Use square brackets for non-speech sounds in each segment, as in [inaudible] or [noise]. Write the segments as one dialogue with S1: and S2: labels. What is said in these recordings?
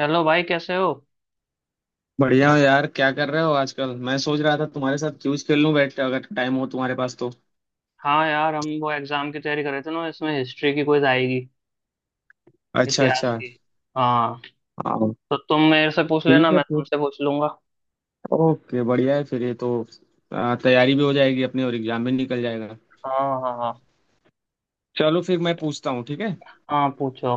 S1: Hello भाई, कैसे हो?
S2: बढ़िया हो यार, क्या कर रहे हो आजकल? मैं सोच रहा था तुम्हारे साथ क्यूज खेल लूं बैठ के, अगर टाइम हो तुम्हारे पास तो।
S1: हाँ यार, हम वो एग्जाम की तैयारी कर रहे थे ना, इसमें हिस्ट्री की क्विज आएगी।
S2: अच्छा
S1: इतिहास
S2: अच्छा।
S1: की। हाँ।
S2: हाँ।
S1: तो तुम मेरे से पूछ लेना,
S2: ठीक है
S1: मैं
S2: फिर।
S1: तुमसे पूछ लूंगा।
S2: ओके, बढ़िया है फिर ये तो। तैयारी भी हो जाएगी अपनी और एग्जाम भी निकल जाएगा।
S1: हाँ, हाँ, हाँ।
S2: चलो फिर मैं पूछता हूँ, ठीक है।
S1: हाँ, पूछो।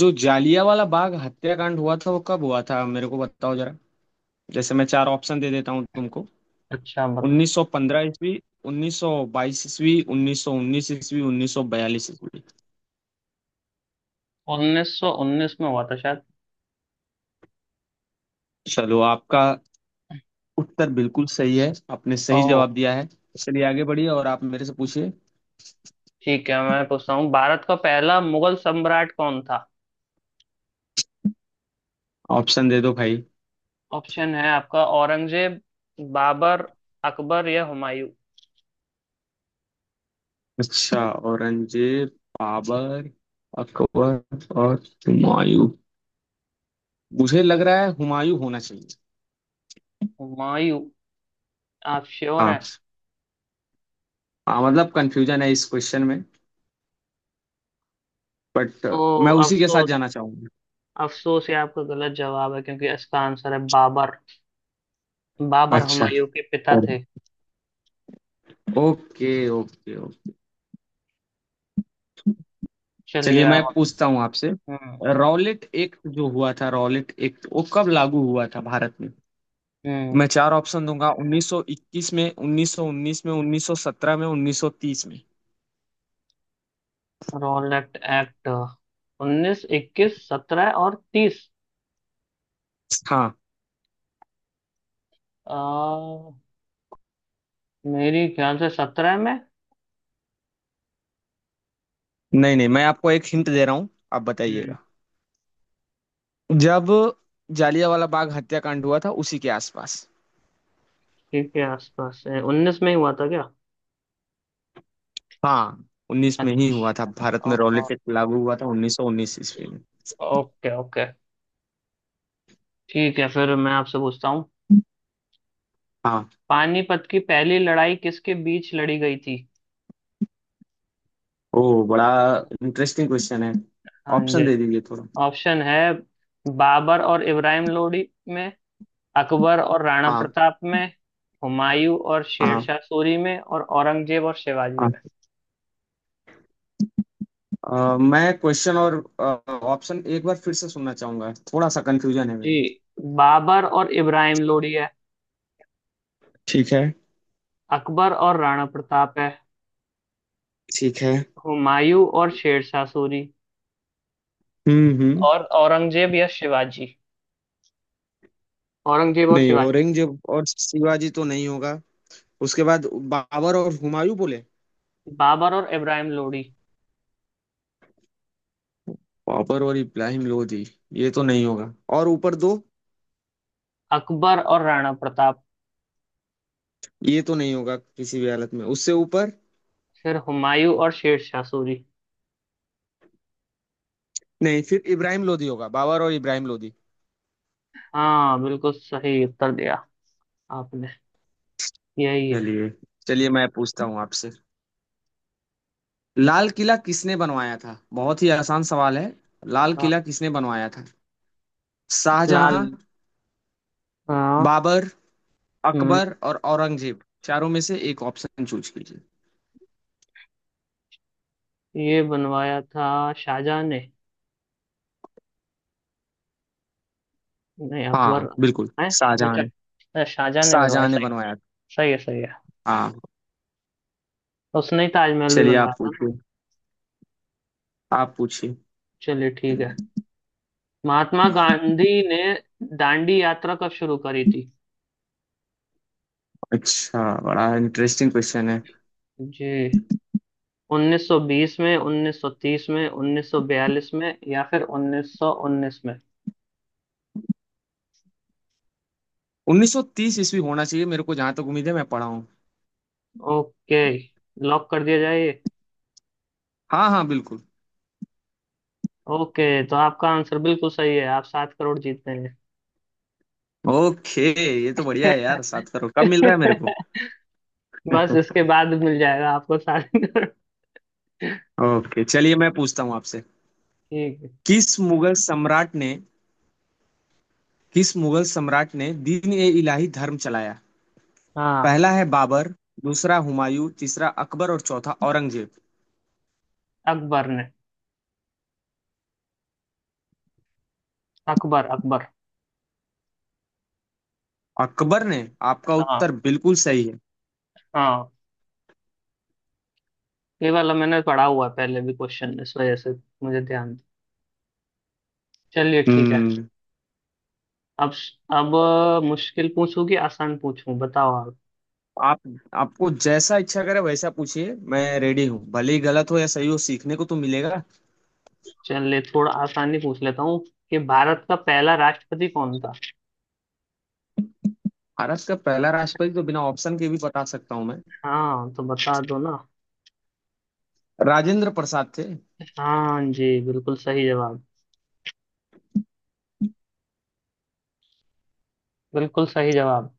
S2: जो जालियांवाला बाग हत्याकांड हुआ था वो कब हुआ था, मेरे को बताओ जरा। जैसे मैं चार ऑप्शन दे देता हूँ तुमको।
S1: अच्छा, बता।
S2: 1915 ईस्वी, 1922 ईस्वी, 1919 ईस्वी, 1942 ईस्वी।
S1: 1919 में हुआ था शायद।
S2: चलो, आपका उत्तर बिल्कुल सही है। आपने सही
S1: ओह।
S2: जवाब दिया है। चलिए आगे बढ़िए और आप मेरे से पूछिए।
S1: ठीक है, मैं पूछता हूँ, भारत का पहला मुगल सम्राट कौन था?
S2: ऑप्शन दे दो भाई।
S1: ऑप्शन है आपका, औरंगजेब, बाबर, अकबर या हुमायूं।
S2: अच्छा। औरंगजेब, बाबर, अकबर और हुमायूं। मुझे लग रहा है हुमायूं होना चाहिए।
S1: हुमायूं? आप श्योर
S2: हाँ।
S1: हैं?
S2: हाँ मतलब, कंफ्यूजन है इस क्वेश्चन में, बट
S1: ओ।
S2: मैं उसी के साथ
S1: अफसोस।
S2: जाना चाहूंगा।
S1: अफसोस, ये आपका गलत जवाब है क्योंकि इसका आंसर है बाबर। बाबर
S2: अच्छा।
S1: हुमायूं के पिता
S2: ओके।
S1: थे।
S2: Okay okay.
S1: चलिए
S2: चलिए मैं
S1: आप।
S2: पूछता हूँ आपसे।
S1: हम्म।
S2: रॉलेट एक्ट जो हुआ था, रॉलेट एक्ट वो कब लागू हुआ था भारत में?
S1: हम्म।
S2: मैं चार ऑप्शन दूंगा। 1921 में, 1919 में, 1917 में, 1930 में।
S1: Rowlatt act. उन्नीस, इक्कीस, सत्रह और तीस।
S2: हाँ।
S1: आ, मेरी ख्याल से सत्रह में।
S2: नहीं नहीं, मैं आपको एक हिंट दे रहा हूँ, आप
S1: हम्म,
S2: बताइएगा। जब जालियांवाला बाग हत्याकांड हुआ था उसी के आसपास।
S1: ठीक के आसपास है, उन्नीस में ही हुआ था क्या?
S2: हाँ। 19 में ही हुआ था,
S1: अच्छा।
S2: भारत में रॉलेट
S1: ओ-
S2: एक्ट लागू हुआ था 1919 ईस्वी में।
S1: Okay, okay. ठीक है, फिर मैं आपसे पूछता हूँ।
S2: हाँ।
S1: पानीपत की पहली लड़ाई किसके बीच लड़ी गई थी?
S2: ओ, बड़ा इंटरेस्टिंग क्वेश्चन है।
S1: हाँ
S2: ऑप्शन
S1: जी।
S2: दे दीजिए थोड़ा।
S1: ऑप्शन है, बाबर और इब्राहिम लोदी में, अकबर और राणा
S2: हाँ
S1: प्रताप में, हुमायूं और
S2: हाँ
S1: शेरशाह सूरी में, और औरंगजेब और शिवाजी
S2: हाँ।
S1: में।
S2: मैं क्वेश्चन और ऑप्शन एक बार फिर से सुनना चाहूंगा, थोड़ा सा कंफ्यूजन है
S1: जी।
S2: मेरे को।
S1: बाबर और इब्राहिम लोदी है।
S2: ठीक है।
S1: अकबर और राणा प्रताप है।
S2: ठीक है।
S1: हुमायूं और शेरशाह सूरी।
S2: हम्म।
S1: और औरंगजेब या शिवाजी। औरंगजेब और
S2: नहीं,
S1: शिवाजी।
S2: औरंगजेब और शिवाजी तो नहीं होगा। उसके बाद बाबर और हुमायूं बोले।
S1: बाबर और इब्राहिम लोदी।
S2: बाबर और इब्राहिम लोधी, ये तो नहीं होगा। और ऊपर दो,
S1: अकबर और राणा प्रताप।
S2: ये तो नहीं होगा किसी भी हालत में। उससे ऊपर,
S1: फिर हुमायूं और शेरशाह सूरी।
S2: नहीं। फिर इब्राहिम लोधी होगा, बाबर और इब्राहिम लोधी।
S1: हाँ, बिल्कुल सही उत्तर दिया आपने। यही है।
S2: चलिए। चलिए मैं पूछता हूँ आपसे। लाल किला किसने बनवाया था? बहुत ही आसान सवाल है। लाल
S1: हाँ।
S2: किला किसने बनवाया था?
S1: लाल।
S2: शाहजहां,
S1: हाँ।
S2: बाबर,
S1: हम्म।
S2: अकबर और औरंगजेब, चारों में से एक ऑप्शन चूज कीजिए।
S1: ये बनवाया था शाहजहां ने। नहीं, अकबर
S2: हाँ बिल्कुल।
S1: है।
S2: शाहजहां।
S1: अच्छा, अच्छा, शाहजहां ने बनवाया,
S2: शाहजहां ने
S1: सही।
S2: बनवाया
S1: सही है, सही है।
S2: था हाँ।
S1: उसने ही ताजमहल भी
S2: चलिए
S1: बनवाया
S2: आप
S1: था ना।
S2: पूछिए। आप पूछिए।
S1: चलिए ठीक है। महात्मा गांधी ने दांडी यात्रा कब शुरू करी थी?
S2: अच्छा, बड़ा इंटरेस्टिंग क्वेश्चन है।
S1: जी। 1920 में, 1930 में, 1942 में या फिर 1919 में।
S2: 1930 ईस्वी होना चाहिए, मेरे को जहां तक उम्मीद है, मैं पढ़ा हूँ।
S1: ओके। लॉक कर दिया जाए ये?
S2: हाँ हाँ बिल्कुल।
S1: ओके, तो आपका आंसर बिल्कुल सही है, आप 7 करोड़ जीतते हैं।
S2: ओके। ये तो बढ़िया है यार, 7 करोड़ कब मिल रहा है मेरे को?
S1: [laughs] बस इसके बाद मिल जाएगा आपको सात।
S2: ओके चलिए मैं पूछता हूँ आपसे।
S1: ठीक है।
S2: किस मुगल सम्राट ने, किस मुगल सम्राट ने दीन ए इलाही धर्म चलाया?
S1: हाँ।
S2: पहला है बाबर, दूसरा हुमायूं, तीसरा अकबर और चौथा औरंगजेब।
S1: अकबर ने। अकबर, अकबर।
S2: अकबर ने। आपका
S1: हाँ,
S2: उत्तर बिल्कुल सही है।
S1: हाँ। ये वाला मैंने पढ़ा हुआ है पहले भी क्वेश्चन, इस वजह से मुझे ध्यान। चलिए ठीक है।
S2: हम्म।
S1: अब अब मुश्किल पूछूं कि आसान पूछूं, बताओ आप।
S2: आप आपको जैसा इच्छा करे वैसा पूछिए, मैं रेडी हूँ, भले ही गलत हो या सही हो, सीखने को तो मिलेगा।
S1: चलिए थोड़ा आसान ही पूछ लेता हूँ कि भारत का पहला राष्ट्रपति कौन था।
S2: भारत का पहला राष्ट्रपति तो बिना ऑप्शन के भी बता सकता हूँ मैं।
S1: हाँ, तो बता दो ना।
S2: राजेंद्र प्रसाद थे।
S1: हाँ जी, बिल्कुल सही जवाब। बिल्कुल सही जवाब।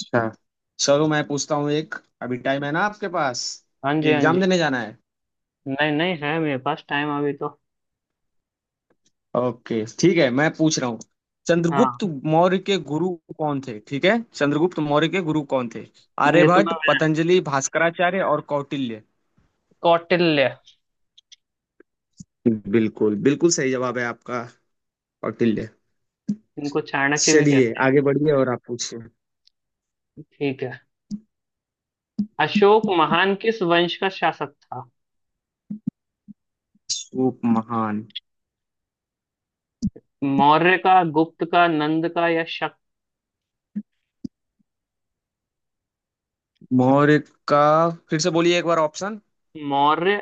S2: अच्छा। चलो मैं पूछता हूँ एक। अभी टाइम है ना आपके पास?
S1: हाँ जी, हाँ
S2: एग्जाम
S1: जी।
S2: देने जाना है?
S1: नहीं, नहीं है मेरे पास टाइम अभी तो।
S2: ओके ठीक है मैं पूछ रहा हूँ।
S1: हाँ।
S2: चंद्रगुप्त मौर्य के गुरु कौन थे, ठीक है? चंद्रगुप्त मौर्य के गुरु कौन थे?
S1: ये तो
S2: आर्यभट्ट,
S1: मैं।
S2: पतंजलि, भास्कराचार्य और कौटिल्य।
S1: कौटिल्य।
S2: बिल्कुल, बिल्कुल सही जवाब है आपका। कौटिल्य।
S1: इनको चाणक्य भी
S2: चलिए
S1: कहते हैं।
S2: आगे बढ़िए और आप पूछिए।
S1: ठीक है। अशोक महान किस वंश का शासक था?
S2: सूप महान।
S1: मौर्य का, गुप्त का, नंद का या शक।
S2: मौर्य का, फिर से बोलिए एक बार ऑप्शन।
S1: मौर्य,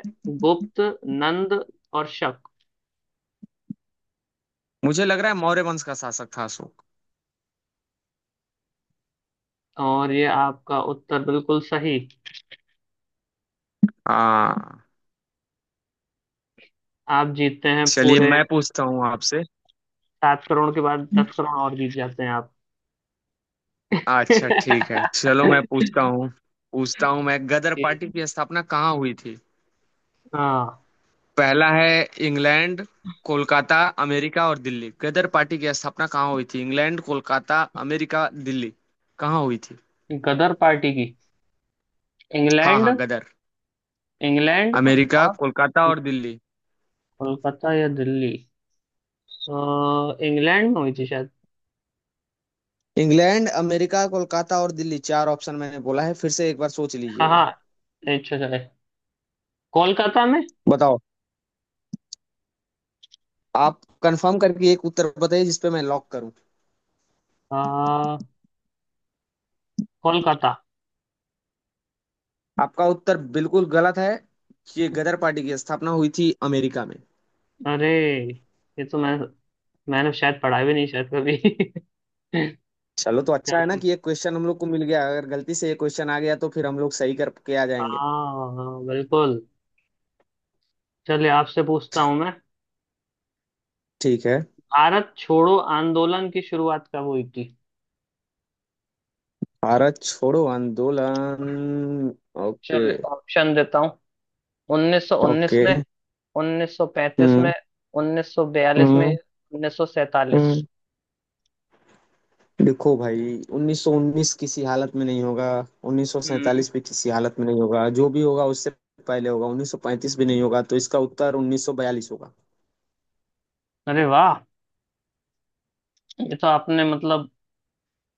S1: गुप्त, नंद और शक।
S2: मुझे लग रहा है मौर्य वंश का शासक था अशोक।
S1: और ये आपका उत्तर बिल्कुल सही।
S2: हाँ।
S1: आप जीतते हैं
S2: चलिए
S1: पूरे।
S2: मैं पूछता हूँ आपसे।
S1: 7 करोड़ के बाद 10 करोड़ और जीत जाते हैं आप।
S2: अच्छा ठीक है, चलो मैं पूछता
S1: [laughs]
S2: हूँ। पूछता हूँ मैं, गदर
S1: जी।
S2: पार्टी की स्थापना कहाँ हुई थी?
S1: हाँ।
S2: पहला है इंग्लैंड, कोलकाता, अमेरिका और दिल्ली। गदर पार्टी की स्थापना कहाँ हुई थी? इंग्लैंड, कोलकाता, अमेरिका, दिल्ली, कहाँ हुई थी?
S1: गदर पार्टी की।
S2: हाँ
S1: इंग्लैंड।
S2: हाँ, गदर।
S1: इंग्लैंड
S2: अमेरिका,
S1: और।
S2: कोलकाता और दिल्ली,
S1: कोलकाता या दिल्ली? तो इंग्लैंड में हुई थी शायद।
S2: इंग्लैंड, अमेरिका, कोलकाता और दिल्ली, चार ऑप्शन मैंने बोला है, फिर से एक बार सोच
S1: हाँ,
S2: लीजिएगा।
S1: हाँ। अच्छा, अच्छा। कोलकाता में।
S2: बताओ। आप कंफर्म करके एक उत्तर बताइए जिस पे मैं लॉक करूं।
S1: आ, कोलकाता।
S2: आपका उत्तर बिल्कुल गलत है। ये गदर पार्टी की स्थापना हुई थी अमेरिका में।
S1: अरे। ये तो मैं। मैंने शायद पढ़ा भी नहीं शायद कभी। [laughs]
S2: चलो तो अच्छा है ना
S1: चलो।
S2: कि ये क्वेश्चन हम लोग को मिल गया, अगर गलती से ये क्वेश्चन आ गया तो फिर हम लोग सही करके आ जाएंगे।
S1: हाँ, बिल्कुल। चलिए आपसे पूछता हूँ मैं।
S2: ठीक है।
S1: भारत छोड़ो आंदोलन की शुरुआत कब हुई थी?
S2: भारत छोड़ो आंदोलन। ओके।
S1: चलिए ऑप्शन देता हूँ। 1919
S2: ओके।
S1: में, 1935
S2: हम्म
S1: में, 1942 में,
S2: हम्म
S1: 1947।
S2: हम्म देखो भाई, 1919 किसी हालत में नहीं होगा,
S1: हम्म।
S2: 1947 भी किसी हालत में नहीं होगा, जो भी होगा उससे पहले होगा, 1935 भी नहीं होगा, तो इसका उत्तर 1942 होगा।
S1: अरे वाह। ये तो आपने मतलब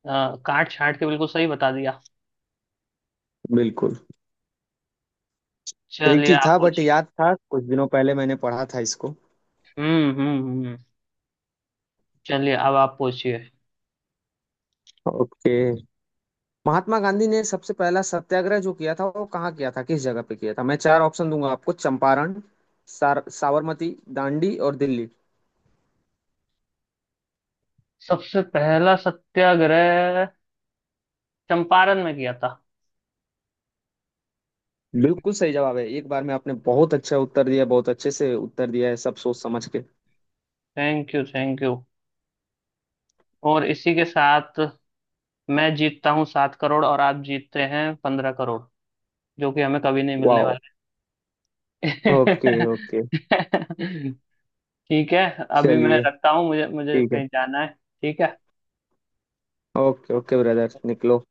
S1: काट छाट के बिल्कुल सही बता दिया।
S2: बिल्कुल।
S1: चलिए
S2: ट्रिकी
S1: आप
S2: था बट
S1: पूछिए।
S2: याद था, कुछ दिनों पहले मैंने पढ़ा था इसको।
S1: हम्म, हम्म, चलिए अब आप पूछिए।
S2: ओके। महात्मा गांधी ने सबसे पहला सत्याग्रह जो किया था वो कहाँ किया था, किस जगह पे किया था? मैं चार ऑप्शन दूंगा आपको। चंपारण, साबरमती, दांडी और दिल्ली।
S1: सबसे पहला सत्याग्रह चंपारण में किया था।
S2: बिल्कुल सही जवाब है, एक बार में आपने बहुत अच्छा उत्तर दिया, बहुत अच्छे से उत्तर दिया है सब सोच समझ के।
S1: Thank you, thank you. और इसी के साथ मैं जीतता हूँ 7 करोड़ और आप जीतते हैं 15 करोड़ जो कि हमें कभी नहीं मिलने
S2: वाह।
S1: वाले।
S2: Okay okay.
S1: [laughs] ठीक है। अभी मैं
S2: चलिए
S1: रखता हूँ, मुझे मुझे
S2: ठीक है।
S1: कहीं जाना है। ठीक है।
S2: ओके ओके ब्रदर, निकलो।